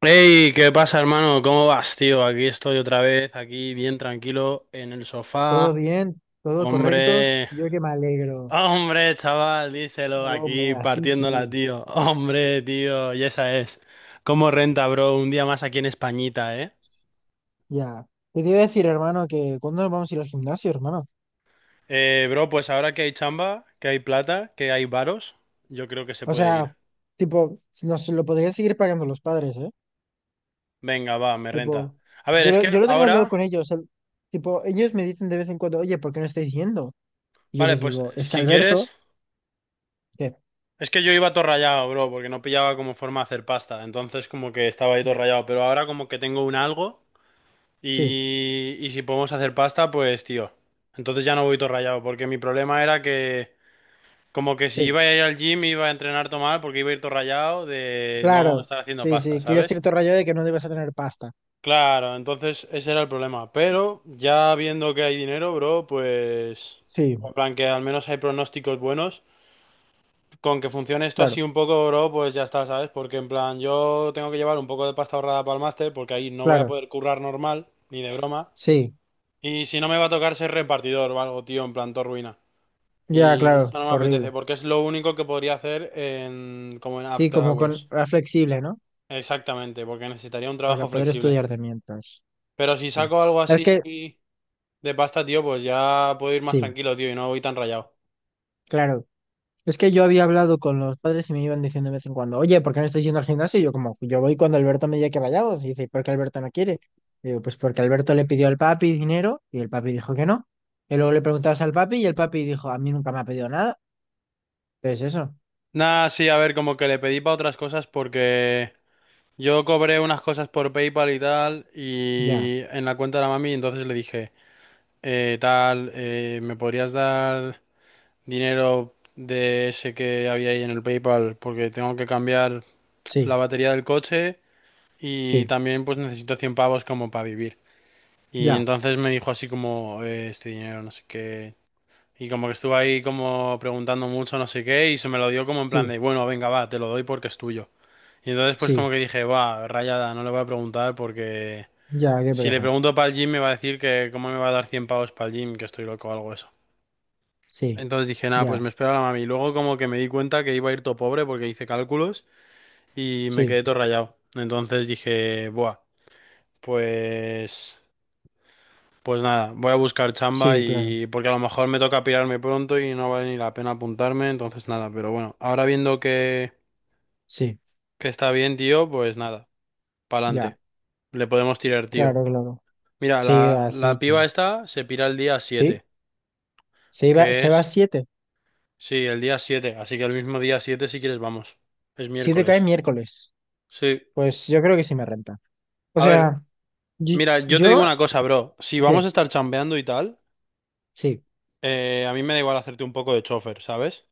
Hey, ¿qué pasa, hermano? ¿Cómo vas, tío? Aquí estoy otra vez, aquí bien tranquilo en el Todo sofá. bien, todo correcto. Hombre, Yo que me alegro. hombre, chaval, díselo Hombre, aquí así partiéndola, sí. tío. Hombre, tío, y esa es. ¿Cómo renta, bro? Un día más aquí en Españita, ¿eh? Ya. Te iba a decir, hermano, que cuándo nos vamos a ir al gimnasio, hermano. Bro, pues ahora que hay chamba, que hay plata, que hay varos, yo creo que se O sea, puede ir. tipo, nos lo podrían seguir pagando los padres, ¿eh? Venga, va, me renta. Tipo, A ver, yo es lo, yo que lo tengo hablado ahora, con ellos. Tipo, ellos me dicen de vez en cuando, oye, ¿por qué no estáis yendo? Y yo vale, les pues digo, es que si Alberto, quieres. ¿qué? Es que yo iba todo rayado, bro, porque no pillaba como forma de hacer pasta. Entonces como que estaba ahí todo Ya. rayado. Pero ahora como que tengo un algo Sí, y si podemos hacer pasta, pues tío. Entonces ya no voy todo rayado, porque mi problema era que como que si sí, iba a ir al gym iba a entrenar todo mal porque iba a ir todo rayado de no claro. estar haciendo Sí, pasta, sí, que yo estoy ¿sabes? todo rayado de que no debes a tener pasta. Claro, entonces ese era el problema. Pero ya viendo que hay dinero, bro, pues... Sí, En plan que al menos hay pronósticos buenos. Con que funcione esto claro, así un poco, bro, pues ya está, ¿sabes? Porque en plan, yo tengo que llevar un poco de pasta ahorrada para el máster, porque ahí no voy a claro. poder currar normal, ni de broma. Sí, Y si no me va a tocar ser repartidor o algo, tío, en plan, todo ruina. ya, Y claro, eso no me horrible. apetece, porque es lo único que podría hacer en, como en Sí, After como con Hours. Flexible, ¿no? Exactamente, porque necesitaría un Para trabajo poder flexible. estudiar de mientras. Pero si Sí. saco algo Es así que, de pasta, tío, pues ya puedo ir más sí, tranquilo, tío, y no voy tan rayado. claro. Es que yo había hablado con los padres y me iban diciendo de vez en cuando, oye, ¿por qué no estáis yendo al gimnasio? Y yo como, yo voy cuando Alberto me diga que vayamos. Y dice, ¿por qué Alberto no quiere? Y digo, pues porque Alberto le pidió al papi dinero y el papi dijo que no. Y luego le preguntabas al papi y el papi dijo, a mí nunca me ha pedido nada. Entonces eso, Nah, sí, a ver, como que le pedí para otras cosas porque... Yo cobré unas cosas por PayPal y tal, ya, y en la cuenta de la mami, entonces le dije, tal, ¿me podrías dar dinero de ese que había ahí en el PayPal? Porque tengo que cambiar sí, la batería del coche y sí, también pues necesito 100 pavos como para vivir. Y ya, entonces me dijo así como, este dinero, no sé qué. Y como que estuve ahí como preguntando mucho, no sé qué, y se me lo dio como en plan sí, de, bueno, venga, va, te lo doy porque es tuyo. Y entonces pues como sí, que dije, va, rayada, no le voy a preguntar porque ya, qué si le pereza. pregunto para el gym me va a decir que cómo me va a dar 100 pavos para el gym, que estoy loco o algo eso. Sí, Entonces dije, nada, pues ya, me espero a la mami. Y luego como que me di cuenta que iba a ir todo pobre porque hice cálculos y me sí, quedé todo rayado. Entonces dije, buah, pues... Pues nada, voy a buscar chamba sí, claro, y porque a lo mejor me toca pirarme pronto y no vale ni la pena apuntarme, entonces nada, pero bueno, ahora viendo sí. que está bien, tío, pues nada, Ya. pa'lante, le podemos tirar, Claro, tío. claro. Mira, Sí, la, así, la piba sí. esta se pira el día Sí, 7, se iba, que se va a es, siete. sí, el día 7, así que el mismo día 7 si quieres vamos, es Siete cae miércoles. miércoles. Sí, Pues yo creo que sí me renta. O a ver, sea, yo, mira, yo te digo yo- una cosa, bro, si ¿qué? vamos a estar chambeando y tal, Sí, a mí me da igual hacerte un poco de chofer, ¿sabes?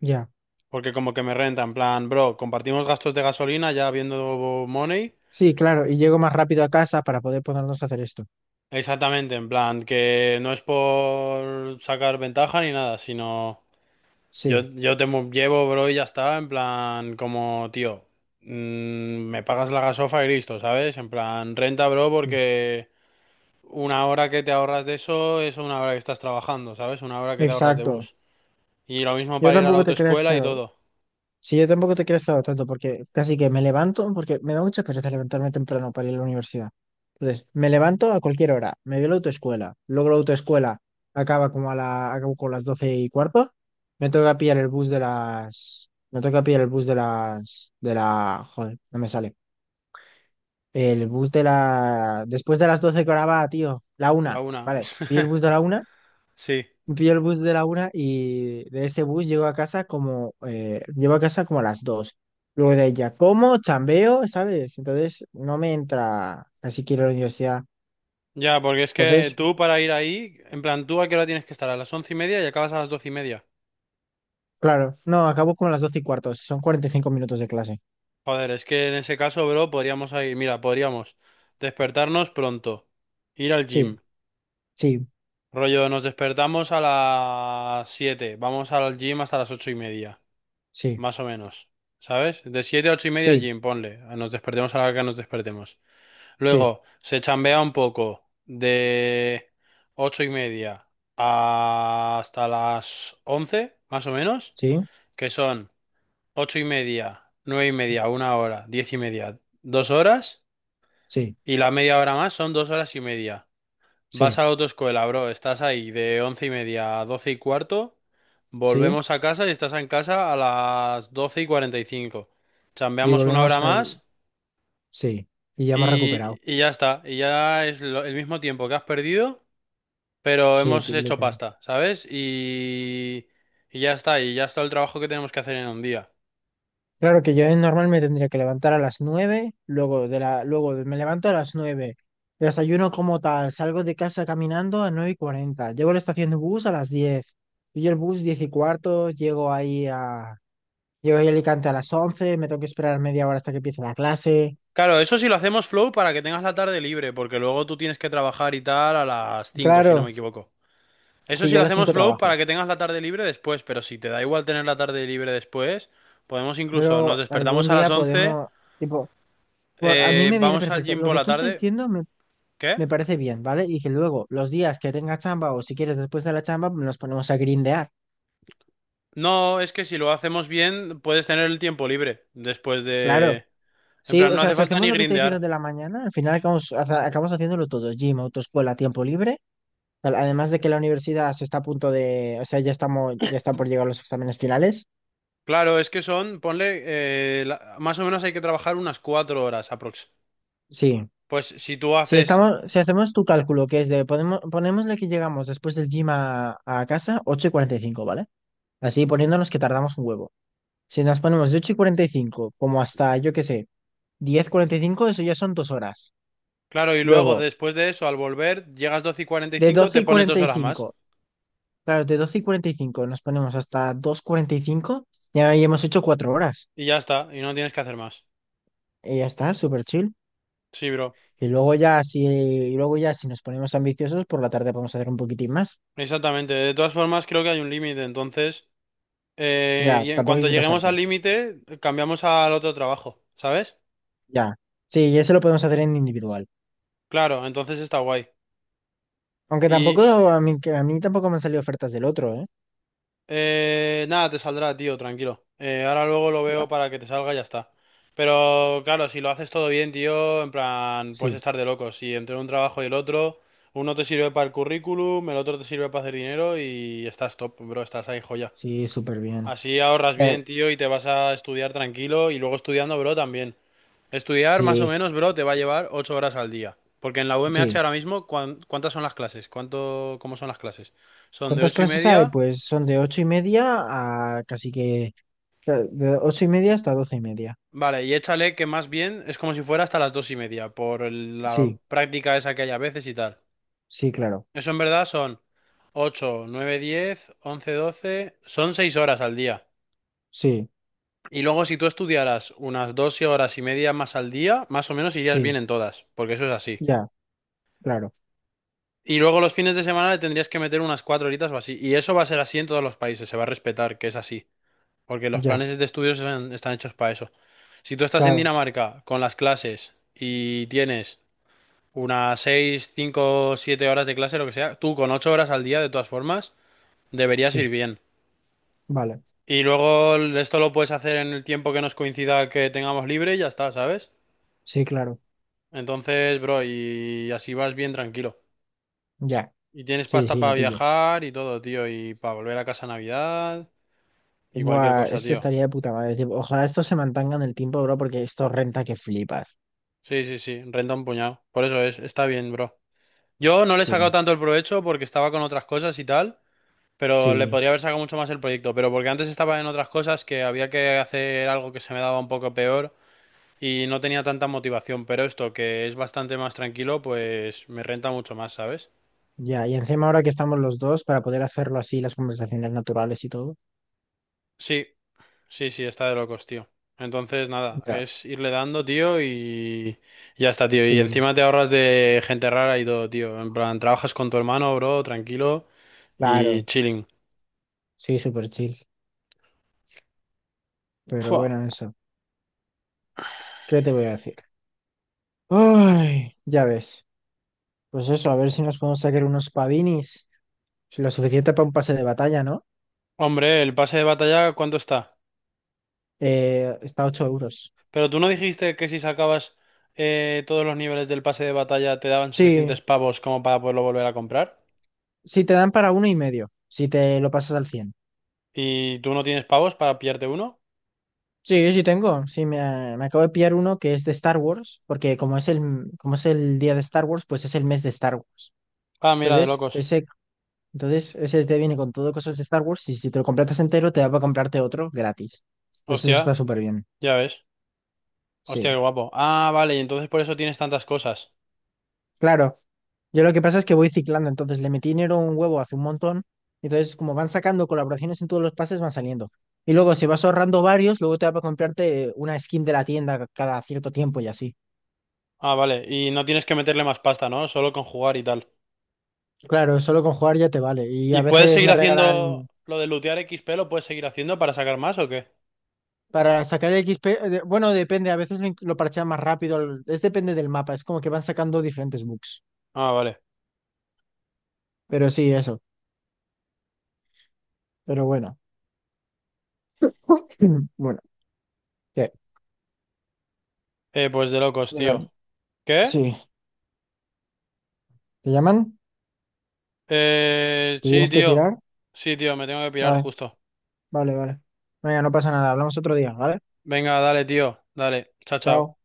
ya. Porque como que me renta, en plan, bro, compartimos gastos de gasolina ya viendo Money. Sí, claro. Y llego más rápido a casa para poder ponernos a hacer esto. Exactamente, en plan, que no es por sacar ventaja ni nada, sino yo, Sí, yo te llevo, bro, y ya está, en plan, como, tío, mm, me pagas la gasofa y listo, ¿sabes? En plan, renta, bro, sí. porque una hora que te ahorras de eso es una hora que estás trabajando, ¿sabes? Una hora que te ahorras de Exacto. bus. Y lo mismo Yo para ir a la tampoco te creas que. autoescuela y todo. Sí, yo tampoco te quiero estar tanto porque casi que me levanto, porque me da mucha pereza levantarme temprano para ir a la universidad. Entonces, me levanto a cualquier hora, me voy a la autoescuela, luego la autoescuela acaba como acabo con las doce y cuarto. Me toca pillar el bus de las, de la, joder, no me sale, el bus de la, después de las doce que ahora va, tío, la una, La una. vale, y el bus de la una. Sí. Vi el bus de la una y de ese bus llego a casa como a las dos. Luego de ella, como, chambeo, ¿sabes? Entonces no me entra, así quiero la universidad. Ya, porque es que Entonces, tú para ir ahí, en plan, ¿tú a qué hora tienes que estar? A las 11:30 y acabas a las 12:30. claro, no, acabo como a las doce y cuarto, son 45 minutos de clase. Joder, es que en ese caso, bro, podríamos ir. Mira, podríamos despertarnos pronto, ir al Sí, gym. sí, Rollo, nos despertamos a las 7, vamos al gym hasta las 8:30, sí, más o menos. ¿Sabes? De 7 a 8:30 sí, gym, ponle. Nos despertemos a la hora que nos despertemos. sí, Luego, se chambea un poco de 8:30 hasta las 11, más o menos. sí, Que son 8:30, 9:30, una hora, 10:30, 2 horas, sí, y la media hora más son 2 horas y media. Vas sí, a la autoescuela, bro, estás ahí de 11:30 a 12:15, sí. volvemos a casa y estás en casa a las 12:45. Y Chambeamos una volvemos hora a... más Sí, y ya hemos recuperado. y, y ya está, y ya es lo- el mismo tiempo que has perdido, pero Sí, hemos hecho literal. pasta, ¿sabes? Y ya está el trabajo que tenemos que hacer en un día. Claro que yo normalmente tendría que levantar a las 9, luego de la, luego de- me levanto a las 9, desayuno como tal, salgo de casa caminando a nueve y 40, llego a la estación de bus a las 10, pillo el bus 10 y cuarto, llego ahí a Alicante a las 11, me tengo que esperar media hora hasta que empiece la clase. Claro, eso sí lo hacemos flow para que tengas la tarde libre, porque luego tú tienes que trabajar y tal a las 5 si no Claro, me equivoco. Eso sí, sí yo a lo las 5 hacemos flow trabajo, para que tengas la tarde libre después, pero si te da igual tener la tarde libre después, podemos pero incluso, nos algún despertamos a las día podemos, 11, tipo, a mí me viene vamos al perfecto, gym lo por que la tú estás tarde. diciendo me, ¿Qué? me parece bien, ¿vale? Y que luego los días que tenga chamba o si quieres después de la chamba nos ponemos a grindear. No, es que si lo hacemos bien, puedes tener el tiempo libre después Claro, de... En sí, plan, o no sea, hace si falta hacemos ni lo que está diciendo de grindear. la mañana, al final acabamos haciéndolo todo, gym, autoescuela, tiempo libre, tal, además de que la universidad se está a punto de, o sea, ya estamos, ya está por llegar los exámenes finales. Claro, es que son, ponle, más o menos hay que trabajar unas 4 horas aprox. Sí, Pues si tú si haces... estamos, si hacemos tu cálculo, que es de, podemos, ponémosle que llegamos después del gym a casa, 8 y cuarenta y cinco, ¿vale? Así poniéndonos que tardamos un huevo. Si nos ponemos de 8 y cuarenta y cinco, como hasta, yo qué sé, 10 y cuarenta y cinco, eso ya son dos horas. Claro, y luego Luego, después de eso, al volver, llegas 12 y cuarenta y de cinco 12 te y pones cuarenta dos y horas más. cinco Claro, de 12:45 nos ponemos hasta 2:45, ya ahí hemos hecho cuatro horas. Y ya está, y no tienes que hacer más. Y ya está, súper chill. Sí, bro. Y luego ya, si nos ponemos ambiciosos, por la tarde podemos hacer un poquitín más. Exactamente. De todas formas, creo que hay un límite. Entonces, Ya, y en tampoco hay cuanto que lleguemos pasarse. al límite, cambiamos al otro trabajo, ¿sabes? Ya. Sí, y eso lo podemos hacer en individual. Claro, entonces está guay. Aunque tampoco, Y a mí tampoco me han salido ofertas del otro, ¿eh? Nada, te saldrá, tío, tranquilo. Ahora luego lo Ya. veo para que te salga y ya está. Pero claro, si lo haces todo bien, tío, en plan, puedes Sí, estar de locos. Si entre un trabajo y el otro, uno te sirve para el currículum, el otro te sirve para hacer dinero y estás top, bro, estás ahí joya. sí, súper bien. Así ahorras Eh, bien, tío, y te vas a estudiar tranquilo y luego estudiando, bro, también. Estudiar más o sí, menos, bro, te va a llevar 8 horas al día. Porque en la UMH sí. ahora mismo, ¿cuántas son las clases? ¿Cuánto, cómo son las clases? Son de ¿Cuántas ocho y clases hay? media. Pues son de ocho y media a casi que... eh, de ocho y media hasta doce y media. Vale, y échale que más bien es como si fuera hasta las 2:30, por la Sí, práctica esa que hay a veces y tal. sí, claro. Eso en verdad son 8 9 10 11 12 son 6 horas al día. Sí, Y luego si tú estudiaras unas 12 horas y media más al día, más o menos irías bien sí, en todas, porque eso es así. ya, claro, Y luego los fines de semana le tendrías que meter unas 4 horitas o así. Y eso va a ser así en todos los países, se va a respetar que es así, porque los ya, planes de estudios están hechos para eso. Si tú estás en claro, Dinamarca con las clases y tienes... Unas 6 5 7 horas de clase, lo que sea, tú con 8 horas al día, de todas formas, deberías ir sí, bien. vale, Y luego esto lo puedes hacer en el tiempo que nos coincida que tengamos libre y ya está, ¿sabes? sí, claro, Entonces, bro, y así vas bien tranquilo. ya, Y tienes sí, pasta sí, lo para pillo. viajar y todo, tío, y para volver a casa a Navidad y cualquier Buah, cosa, es que tío. estaría de puta madre, tipo, ojalá esto se mantenga en el tiempo, bro, porque esto renta que flipas. Sí, sí, sí, renta un puñado. Por eso es, está bien, bro. Yo no le he sacado Sí, tanto el provecho porque estaba con otras cosas y tal. Pero le sí, podría haber sacado mucho más el proyecto, pero porque antes estaba en otras cosas que había que hacer algo que se me daba un poco peor y no tenía tanta motivación, pero esto que es bastante más tranquilo, pues me renta mucho más, ¿sabes? ya, y encima ahora que estamos los dos, para poder hacerlo así, las conversaciones naturales y todo. Sí, sí, sí, está de locos, tío. Entonces, nada, Ya. es irle dando, tío, y ya está, tío. Y Sí, encima te ahorras de gente rara y todo, tío. En plan, trabajas con tu hermano, bro, tranquilo y claro, chilling. sí, súper chill, pero Fua. bueno, eso, ¿qué te voy a decir? Ay, ya ves, pues eso, a ver si nos podemos sacar unos pavinis, lo suficiente para un pase de batalla, ¿no? Hombre, el pase de batalla, ¿cuánto está? Está a 8 euros. Pero tú no dijiste que si sacabas todos los niveles del pase de batalla te daban Sí, suficientes pavos como para poderlo volver a comprar. sí te dan para uno y medio, si te lo pasas al cien. ¿Y tú no tienes pavos para pillarte uno? Sí, sí tengo. Sí, me acabo de pillar uno que es de Star Wars, porque como es el día de Star Wars, pues es el mes de Star Wars. Ah, mira, de Entonces, locos. ese, entonces, ese te viene con todo cosas de Star Wars y si te lo completas entero, te da para comprarte otro gratis. Entonces, eso Hostia, está súper bien. ya ves. Hostia, Sí. qué guapo. Ah, vale, y entonces por eso tienes tantas cosas. Claro, yo lo que pasa es que voy ciclando, entonces le metí dinero a un huevo hace un montón, entonces como van sacando colaboraciones en todos los pases van saliendo. Y luego si vas ahorrando varios, luego te va para comprarte una skin de la tienda cada cierto tiempo y así. Ah, vale, y no tienes que meterle más pasta, ¿no? Solo con jugar y tal. Claro, solo con jugar ya te vale. Y a ¿Y puedes veces seguir me haciendo regalan lo de lootear XP? ¿Lo puedes seguir haciendo para sacar más o qué? para sacar el XP, bueno, depende, a veces lo parchean más rápido, es depende del mapa, es como que van sacando diferentes bugs. Ah, vale. Pero sí, eso, pero bueno. Bueno, ¿qué? Pues de locos, Bueno, tío. ¿Qué? sí, ¿te llaman? ¿Te Sí, tienes que tío. pirar? Sí, tío, me tengo que pirar Vale. justo. Vale, vale, venga no pasa nada. Hablamos otro día, ¿vale? Venga, dale, tío. Dale. Chao, Chao. chao.